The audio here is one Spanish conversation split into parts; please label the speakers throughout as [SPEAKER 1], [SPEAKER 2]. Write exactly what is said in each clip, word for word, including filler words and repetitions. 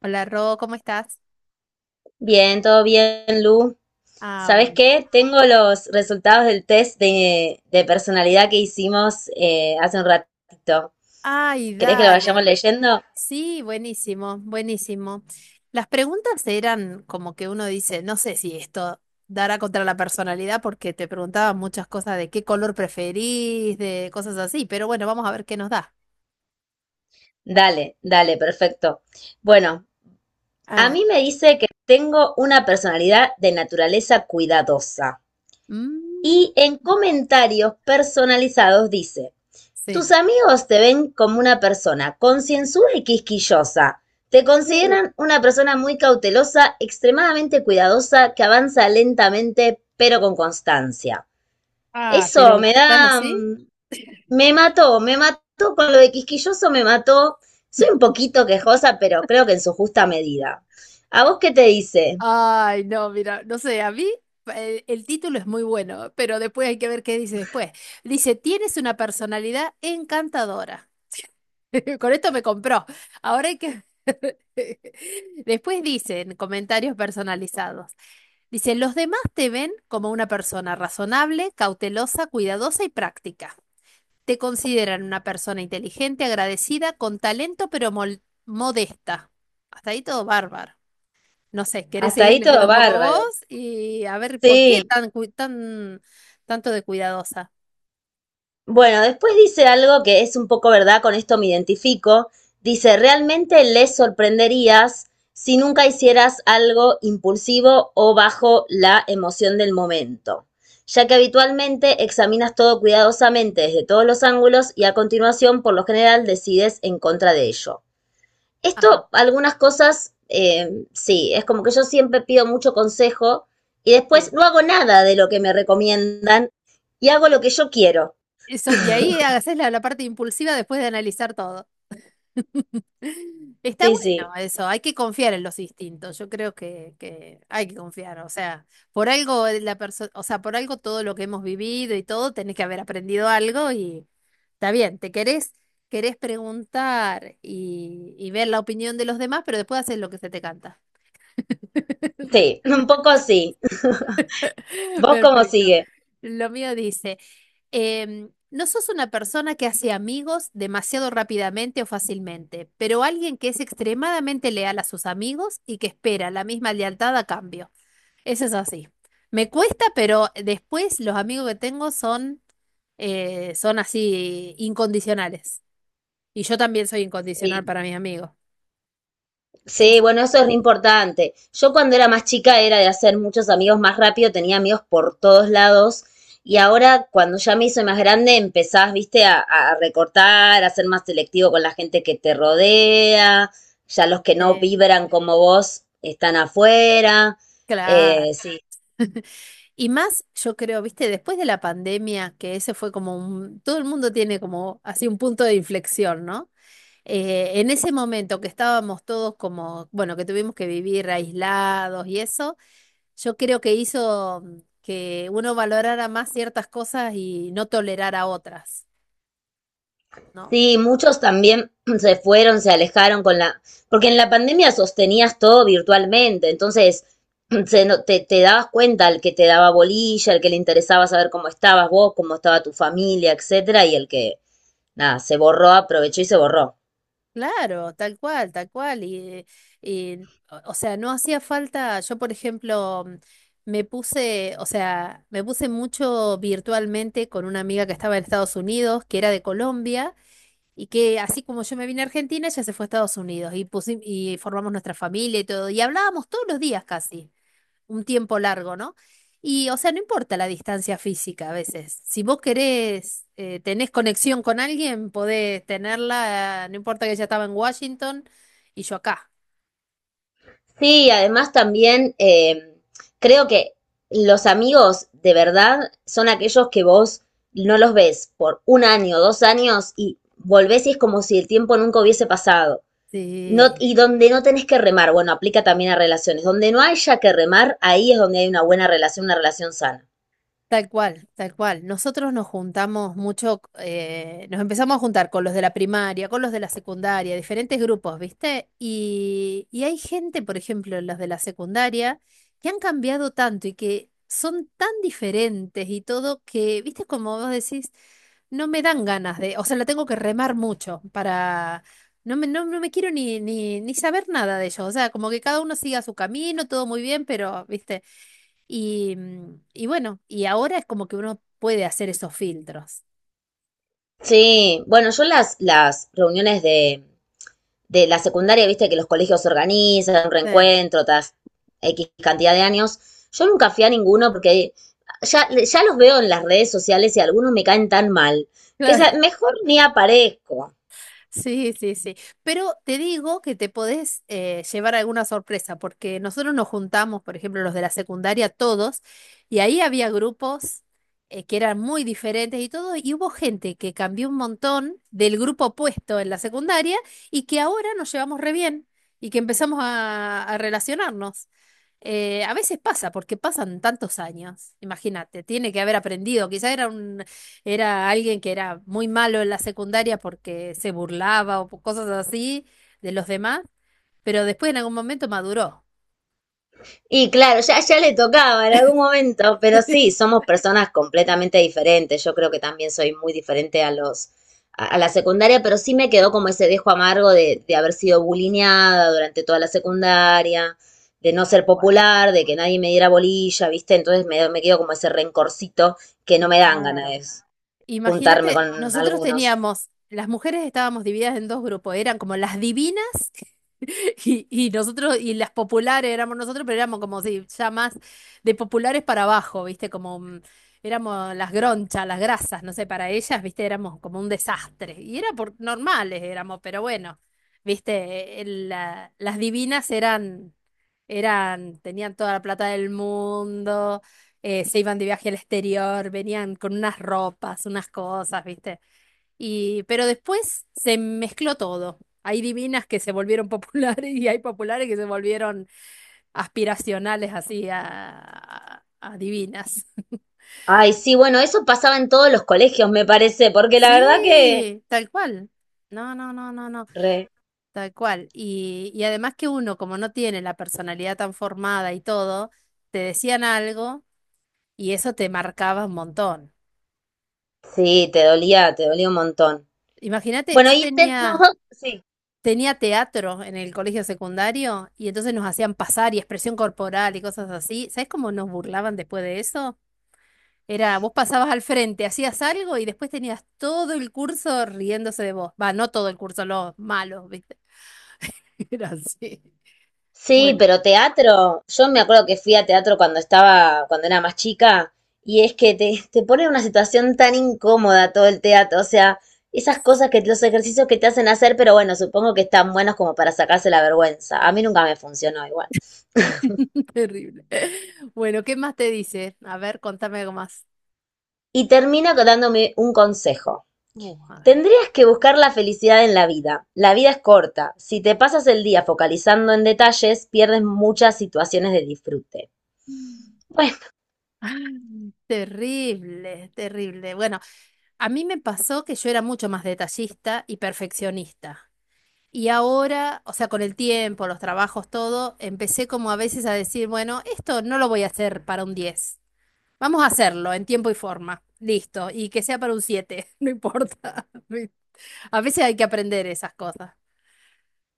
[SPEAKER 1] Hola, Ro, ¿cómo estás?
[SPEAKER 2] Bien, todo bien, Lu.
[SPEAKER 1] Ah,
[SPEAKER 2] ¿Sabes
[SPEAKER 1] bueno.
[SPEAKER 2] qué? Tengo los resultados del test de, de personalidad que hicimos eh, hace un ratito.
[SPEAKER 1] Ay,
[SPEAKER 2] ¿Querés que lo
[SPEAKER 1] dale.
[SPEAKER 2] vayamos leyendo?
[SPEAKER 1] Sí, buenísimo, buenísimo. Las preguntas eran como que uno dice, no sé si esto dará contra la personalidad porque te preguntaban muchas cosas de qué color preferís, de cosas así, pero bueno, vamos a ver qué nos da.
[SPEAKER 2] Dale, dale, perfecto. Bueno,
[SPEAKER 1] A
[SPEAKER 2] a
[SPEAKER 1] ver.
[SPEAKER 2] mí me dice que tengo una personalidad de naturaleza cuidadosa.
[SPEAKER 1] Mm,
[SPEAKER 2] Y en comentarios personalizados dice, Tus
[SPEAKER 1] sí.
[SPEAKER 2] amigos te ven como una persona concienzuda y quisquillosa. Te
[SPEAKER 1] Uh,
[SPEAKER 2] consideran una persona muy cautelosa, extremadamente cuidadosa, que avanza lentamente pero con constancia.
[SPEAKER 1] ah,
[SPEAKER 2] Eso
[SPEAKER 1] pero
[SPEAKER 2] me
[SPEAKER 1] ¿están
[SPEAKER 2] da...
[SPEAKER 1] así?
[SPEAKER 2] mm, Me mató, me mató con lo de quisquilloso, me mató. Soy un poquito quejosa, pero creo que en su justa medida. ¿A vos qué te dice?
[SPEAKER 1] Ay, no, mira, no sé, a mí eh, el, título es muy bueno, pero después hay que ver qué dice después. Dice, tienes una personalidad encantadora. Con esto me compró. Ahora hay que... Después dicen comentarios personalizados. Dice, los demás te ven como una persona razonable, cautelosa, cuidadosa y práctica. Te consideran una persona inteligente, agradecida, con talento, pero mol- modesta. Hasta ahí todo bárbaro. No sé, ¿querés
[SPEAKER 2] Hasta
[SPEAKER 1] seguir
[SPEAKER 2] ahí
[SPEAKER 1] leyendo
[SPEAKER 2] todo
[SPEAKER 1] un poco vos?
[SPEAKER 2] bárbaro.
[SPEAKER 1] Y a ver, ¿por qué
[SPEAKER 2] Sí.
[SPEAKER 1] tan, cu- tan tanto de cuidadosa?
[SPEAKER 2] Bueno, después dice algo que es un poco verdad, con esto me identifico. Dice, realmente les sorprenderías si nunca hicieras algo impulsivo o bajo la emoción del momento, ya que habitualmente examinas todo cuidadosamente desde todos los ángulos y a continuación, por lo general, decides en contra de ello.
[SPEAKER 1] Ajá,
[SPEAKER 2] Esto, algunas cosas, eh, sí, es como que yo siempre pido mucho consejo y después
[SPEAKER 1] sí.
[SPEAKER 2] no hago nada de lo que me recomiendan y hago lo que yo quiero.
[SPEAKER 1] Eso, y ahí haces la, la parte impulsiva después de analizar todo. Está
[SPEAKER 2] Sí, sí,
[SPEAKER 1] bueno eso, hay que confiar en los instintos. Yo creo que, que hay que confiar. O sea, por algo la perso- o sea, por algo todo lo que hemos vivido y todo, tenés que haber aprendido algo y está bien, te querés, querés preguntar y, y ver la opinión de los demás, pero después haces lo que se te canta.
[SPEAKER 2] Sí, un poco sí. ¿Vos cómo
[SPEAKER 1] Perfecto.
[SPEAKER 2] sigue?
[SPEAKER 1] Lo mío dice, em, no sos una persona que hace amigos demasiado rápidamente o fácilmente, pero alguien que es extremadamente leal a sus amigos y que espera la misma lealtad a cambio. Eso es así. Me cuesta, pero después los amigos que tengo son, eh, son así incondicionales. Y yo también soy incondicional
[SPEAKER 2] Sí.
[SPEAKER 1] para mis amigos.
[SPEAKER 2] Sí, bueno, eso es re importante. Yo cuando era más chica era de hacer muchos amigos más rápido, tenía amigos por todos lados. Y ahora, cuando ya me hice más grande, empezás, viste, a, a, recortar, a ser más selectivo con la gente que te rodea. Ya los que no
[SPEAKER 1] Este,
[SPEAKER 2] vibran como vos están afuera.
[SPEAKER 1] claro.
[SPEAKER 2] Eh, sí.
[SPEAKER 1] Y más, yo creo, viste, después de la pandemia, que ese fue como un, todo el mundo tiene como así un punto de inflexión, ¿no? Eh, en ese momento que estábamos todos como, bueno, que tuvimos que vivir aislados y eso, yo creo que hizo mm, que uno valorara más ciertas cosas y no tolerara otras, ¿no?
[SPEAKER 2] Sí, muchos también se fueron, se alejaron con la, porque en la pandemia sostenías todo virtualmente, entonces se no- te, te dabas cuenta el que te daba bolilla, el que le interesaba saber cómo estabas vos, cómo estaba tu familia, etcétera, y el que, nada, se borró, aprovechó y se borró.
[SPEAKER 1] Claro, tal cual, tal cual. Y, y, o o sea, no hacía falta, yo por ejemplo, mm, me puse, o sea, me puse mucho virtualmente con una amiga que estaba en Estados Unidos, que era de Colombia, y que así como yo me vine a Argentina, ella se fue a Estados Unidos y, pusi- y formamos nuestra familia y todo, y hablábamos todos los días casi un tiempo largo, ¿no? Y, o sea, no importa la distancia física a veces. Si vos querés, eh, tenés conexión con alguien, podés tenerla, eh, no importa que ella estaba en Washington y yo acá.
[SPEAKER 2] Sí, además también eh, creo que los amigos de verdad son aquellos que vos no los ves por un año, dos años y volvés y es como si el tiempo nunca hubiese pasado. No,
[SPEAKER 1] Sí,
[SPEAKER 2] y donde no tenés que remar, bueno, aplica también a relaciones. Donde no haya que remar, ahí es donde hay una buena relación, una relación sana.
[SPEAKER 1] tal cual, tal cual. Nosotros nos juntamos mucho, eh, nos empezamos a juntar con los de la primaria, con los de la secundaria, diferentes grupos, ¿viste? Y, y hay gente, por ejemplo, los de la secundaria, que han cambiado tanto y que son tan diferentes y todo que, ¿viste? Como vos decís, no me dan ganas de, o sea, la tengo que remar mucho para, no me, no, no me quiero ni, ni, ni saber nada de ellos, o sea, como que cada uno siga su camino, todo muy bien, pero, ¿viste? Y, mm, y bueno, y ahora es como que uno puede hacer esos filtros.
[SPEAKER 2] Sí, bueno, yo las, las, reuniones de, de la secundaria, viste que los colegios organizan,
[SPEAKER 1] Eh,
[SPEAKER 2] reencuentro, tras X cantidad de años. Yo nunca fui a ninguno porque ya, ya los veo en las redes sociales y algunos me caen tan mal que
[SPEAKER 1] claro.
[SPEAKER 2] esa- mejor ni aparezco.
[SPEAKER 1] Sí, sí, sí. Pero te digo que te podés eh, llevar alguna sorpresa, porque nosotros nos juntamos, por ejemplo, los de la secundaria, todos, y ahí había grupos eh, que eran muy diferentes y todo, y hubo gente que cambió un montón del grupo opuesto en la secundaria y que ahora nos llevamos re bien y que empezamos a, a relacionarnos. Eh, a veces pasa, porque pasan tantos años, imagínate, tiene que haber aprendido, quizá era un era alguien que era muy malo en la secundaria porque se burlaba o por cosas así de los demás, pero después en algún momento maduró.
[SPEAKER 2] Y claro, ya, ya le tocaba en algún momento, pero sí, somos personas completamente diferentes. Yo creo que también soy muy diferente a los, a, a, la secundaria, pero sí me quedó como ese dejo amargo de, de haber sido bulineada durante toda la secundaria, de no
[SPEAKER 1] Tal
[SPEAKER 2] ser
[SPEAKER 1] cual.
[SPEAKER 2] popular, de que nadie me diera bolilla, ¿viste? Entonces me, me quedó como ese rencorcito que no me dan ganas
[SPEAKER 1] Claro.
[SPEAKER 2] de juntarme
[SPEAKER 1] Imagínate,
[SPEAKER 2] con
[SPEAKER 1] nosotros
[SPEAKER 2] algunos.
[SPEAKER 1] teníamos, las mujeres estábamos divididas en dos grupos, eran como las divinas y, y nosotros, y las populares éramos nosotros, pero éramos como si ya más de populares para abajo, ¿viste? Como mm, éramos las gronchas, las grasas, no sé, para ellas, ¿viste? Éramos como un desastre. Y era por normales éramos, pero bueno, ¿viste? El- la- las divinas eran, eran, tenían toda la plata del mundo, eh, se iban de viaje al exterior, venían con unas ropas, unas cosas, ¿viste? Y, pero después se mezcló todo. Hay divinas que se volvieron populares y hay populares que se volvieron aspiracionales así a, a a divinas.
[SPEAKER 2] Ay, sí, bueno, eso pasaba en todos los colegios, me parece, porque la verdad que...
[SPEAKER 1] Sí, tal cual. No, no, no, no, no,
[SPEAKER 2] Re,
[SPEAKER 1] tal cual. Y, y además que uno, como no tiene la personalidad tan formada y todo, te decían algo y eso te marcaba un montón.
[SPEAKER 2] sí, te dolía, te dolía un montón.
[SPEAKER 1] Imagínate,
[SPEAKER 2] Bueno,
[SPEAKER 1] yo
[SPEAKER 2] y te-
[SPEAKER 1] tenía,
[SPEAKER 2] nosotros, sí.
[SPEAKER 1] tenía teatro en el colegio secundario y entonces nos hacían pasar y expresión corporal y cosas así. ¿Sabes cómo nos burlaban después de eso? Era, vos pasabas al frente, hacías algo y después tenías todo el curso riéndose de vos. Va, no todo el curso, los malos, ¿viste? Era así.
[SPEAKER 2] Sí,
[SPEAKER 1] Bueno,
[SPEAKER 2] pero teatro, yo me acuerdo que fui a teatro cuando estaba, cuando era más chica, y es que te, te pone en una situación tan incómoda todo el teatro, o sea, esas cosas que, los ejercicios que te hacen hacer, pero bueno, supongo que están buenos como para sacarse la vergüenza. A mí nunca me funcionó igual.
[SPEAKER 1] terrible. Bueno, ¿qué más te dice? A ver, contame algo más.
[SPEAKER 2] Y termino dándome un consejo.
[SPEAKER 1] Uh, a ver.
[SPEAKER 2] Tendrías que buscar la felicidad en la vida. La vida es corta. Si te pasas el día focalizando en detalles, pierdes muchas situaciones de disfrute. Bueno.
[SPEAKER 1] Terrible, terrible. Bueno, a mí me pasó que yo era mucho más detallista y perfeccionista. Y ahora, o sea, con el tiempo, los trabajos, todo, empecé como a veces a decir, bueno, esto no lo voy a hacer para un diez, vamos a hacerlo en tiempo y forma. Listo. Y que sea para un siete, no importa. A veces hay que aprender esas cosas.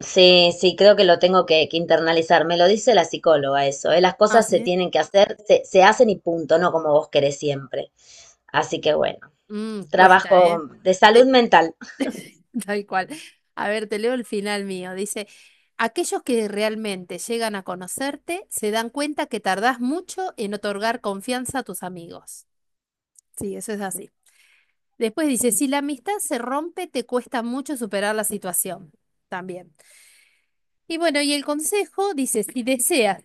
[SPEAKER 2] Sí, sí, creo que lo tengo que, que, internalizar. Me lo dice la psicóloga eso, ¿eh? Las
[SPEAKER 1] Ah,
[SPEAKER 2] cosas se
[SPEAKER 1] sí.
[SPEAKER 2] tienen que hacer, se, se hacen y punto, no como vos querés siempre. Así que bueno,
[SPEAKER 1] Mm, cuesta,
[SPEAKER 2] trabajo
[SPEAKER 1] ¿eh?
[SPEAKER 2] de salud
[SPEAKER 1] Sí,
[SPEAKER 2] mental.
[SPEAKER 1] tal cual. A ver, te leo el final mío. Dice, aquellos que realmente llegan a conocerte se dan cuenta que tardás mucho en otorgar confianza a tus amigos. Sí, eso es así. Después dice, si la amistad se rompe, te cuesta mucho superar la situación. También. Y bueno, y el consejo dice, si deseas.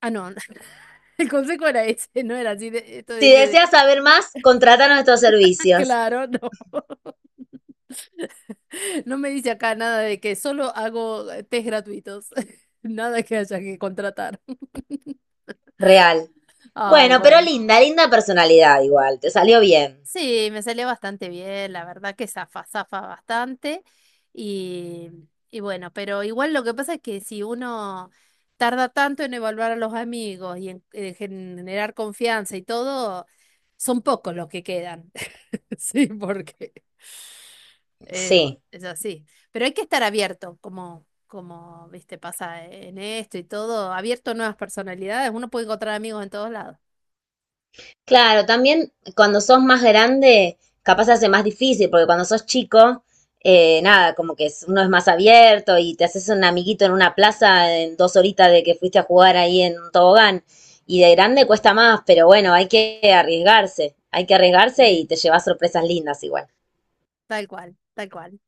[SPEAKER 1] Ah, no, el consejo era ese, no era así. de- Esto
[SPEAKER 2] Si
[SPEAKER 1] dice,
[SPEAKER 2] deseas saber más, contrata nuestros servicios.
[SPEAKER 1] claro, no. No me dice acá nada de que solo hago eh, test gratuitos. Nada que haya que contratar.
[SPEAKER 2] Real.
[SPEAKER 1] Ay,
[SPEAKER 2] Bueno, pero
[SPEAKER 1] bueno.
[SPEAKER 2] linda, linda personalidad igual, te salió bien.
[SPEAKER 1] Sí, me salió bastante bien, la verdad que zafa, zafa bastante. Y, y bueno, pero igual lo que pasa es que si uno tarda tanto en evaluar a los amigos y en, en generar confianza y todo, son pocos los que quedan. Sí, porque es,
[SPEAKER 2] Sí.
[SPEAKER 1] es así. Pero hay que estar abierto, como, como, viste, pasa en esto y todo, abierto a nuevas personalidades. Uno puede encontrar amigos en todos lados.
[SPEAKER 2] Claro, también cuando sos más grande, capaz se hace más difícil, porque cuando sos chico, eh, nada, como que es- uno es más abierto y te haces un amiguito en una plaza en dos horitas de que fuiste a jugar ahí en un tobogán. Y de grande cuesta más, pero bueno, hay que arriesgarse, hay que arriesgarse y
[SPEAKER 1] Sí.
[SPEAKER 2] te llevas sorpresas lindas igual.
[SPEAKER 1] Tal cual, tal cual.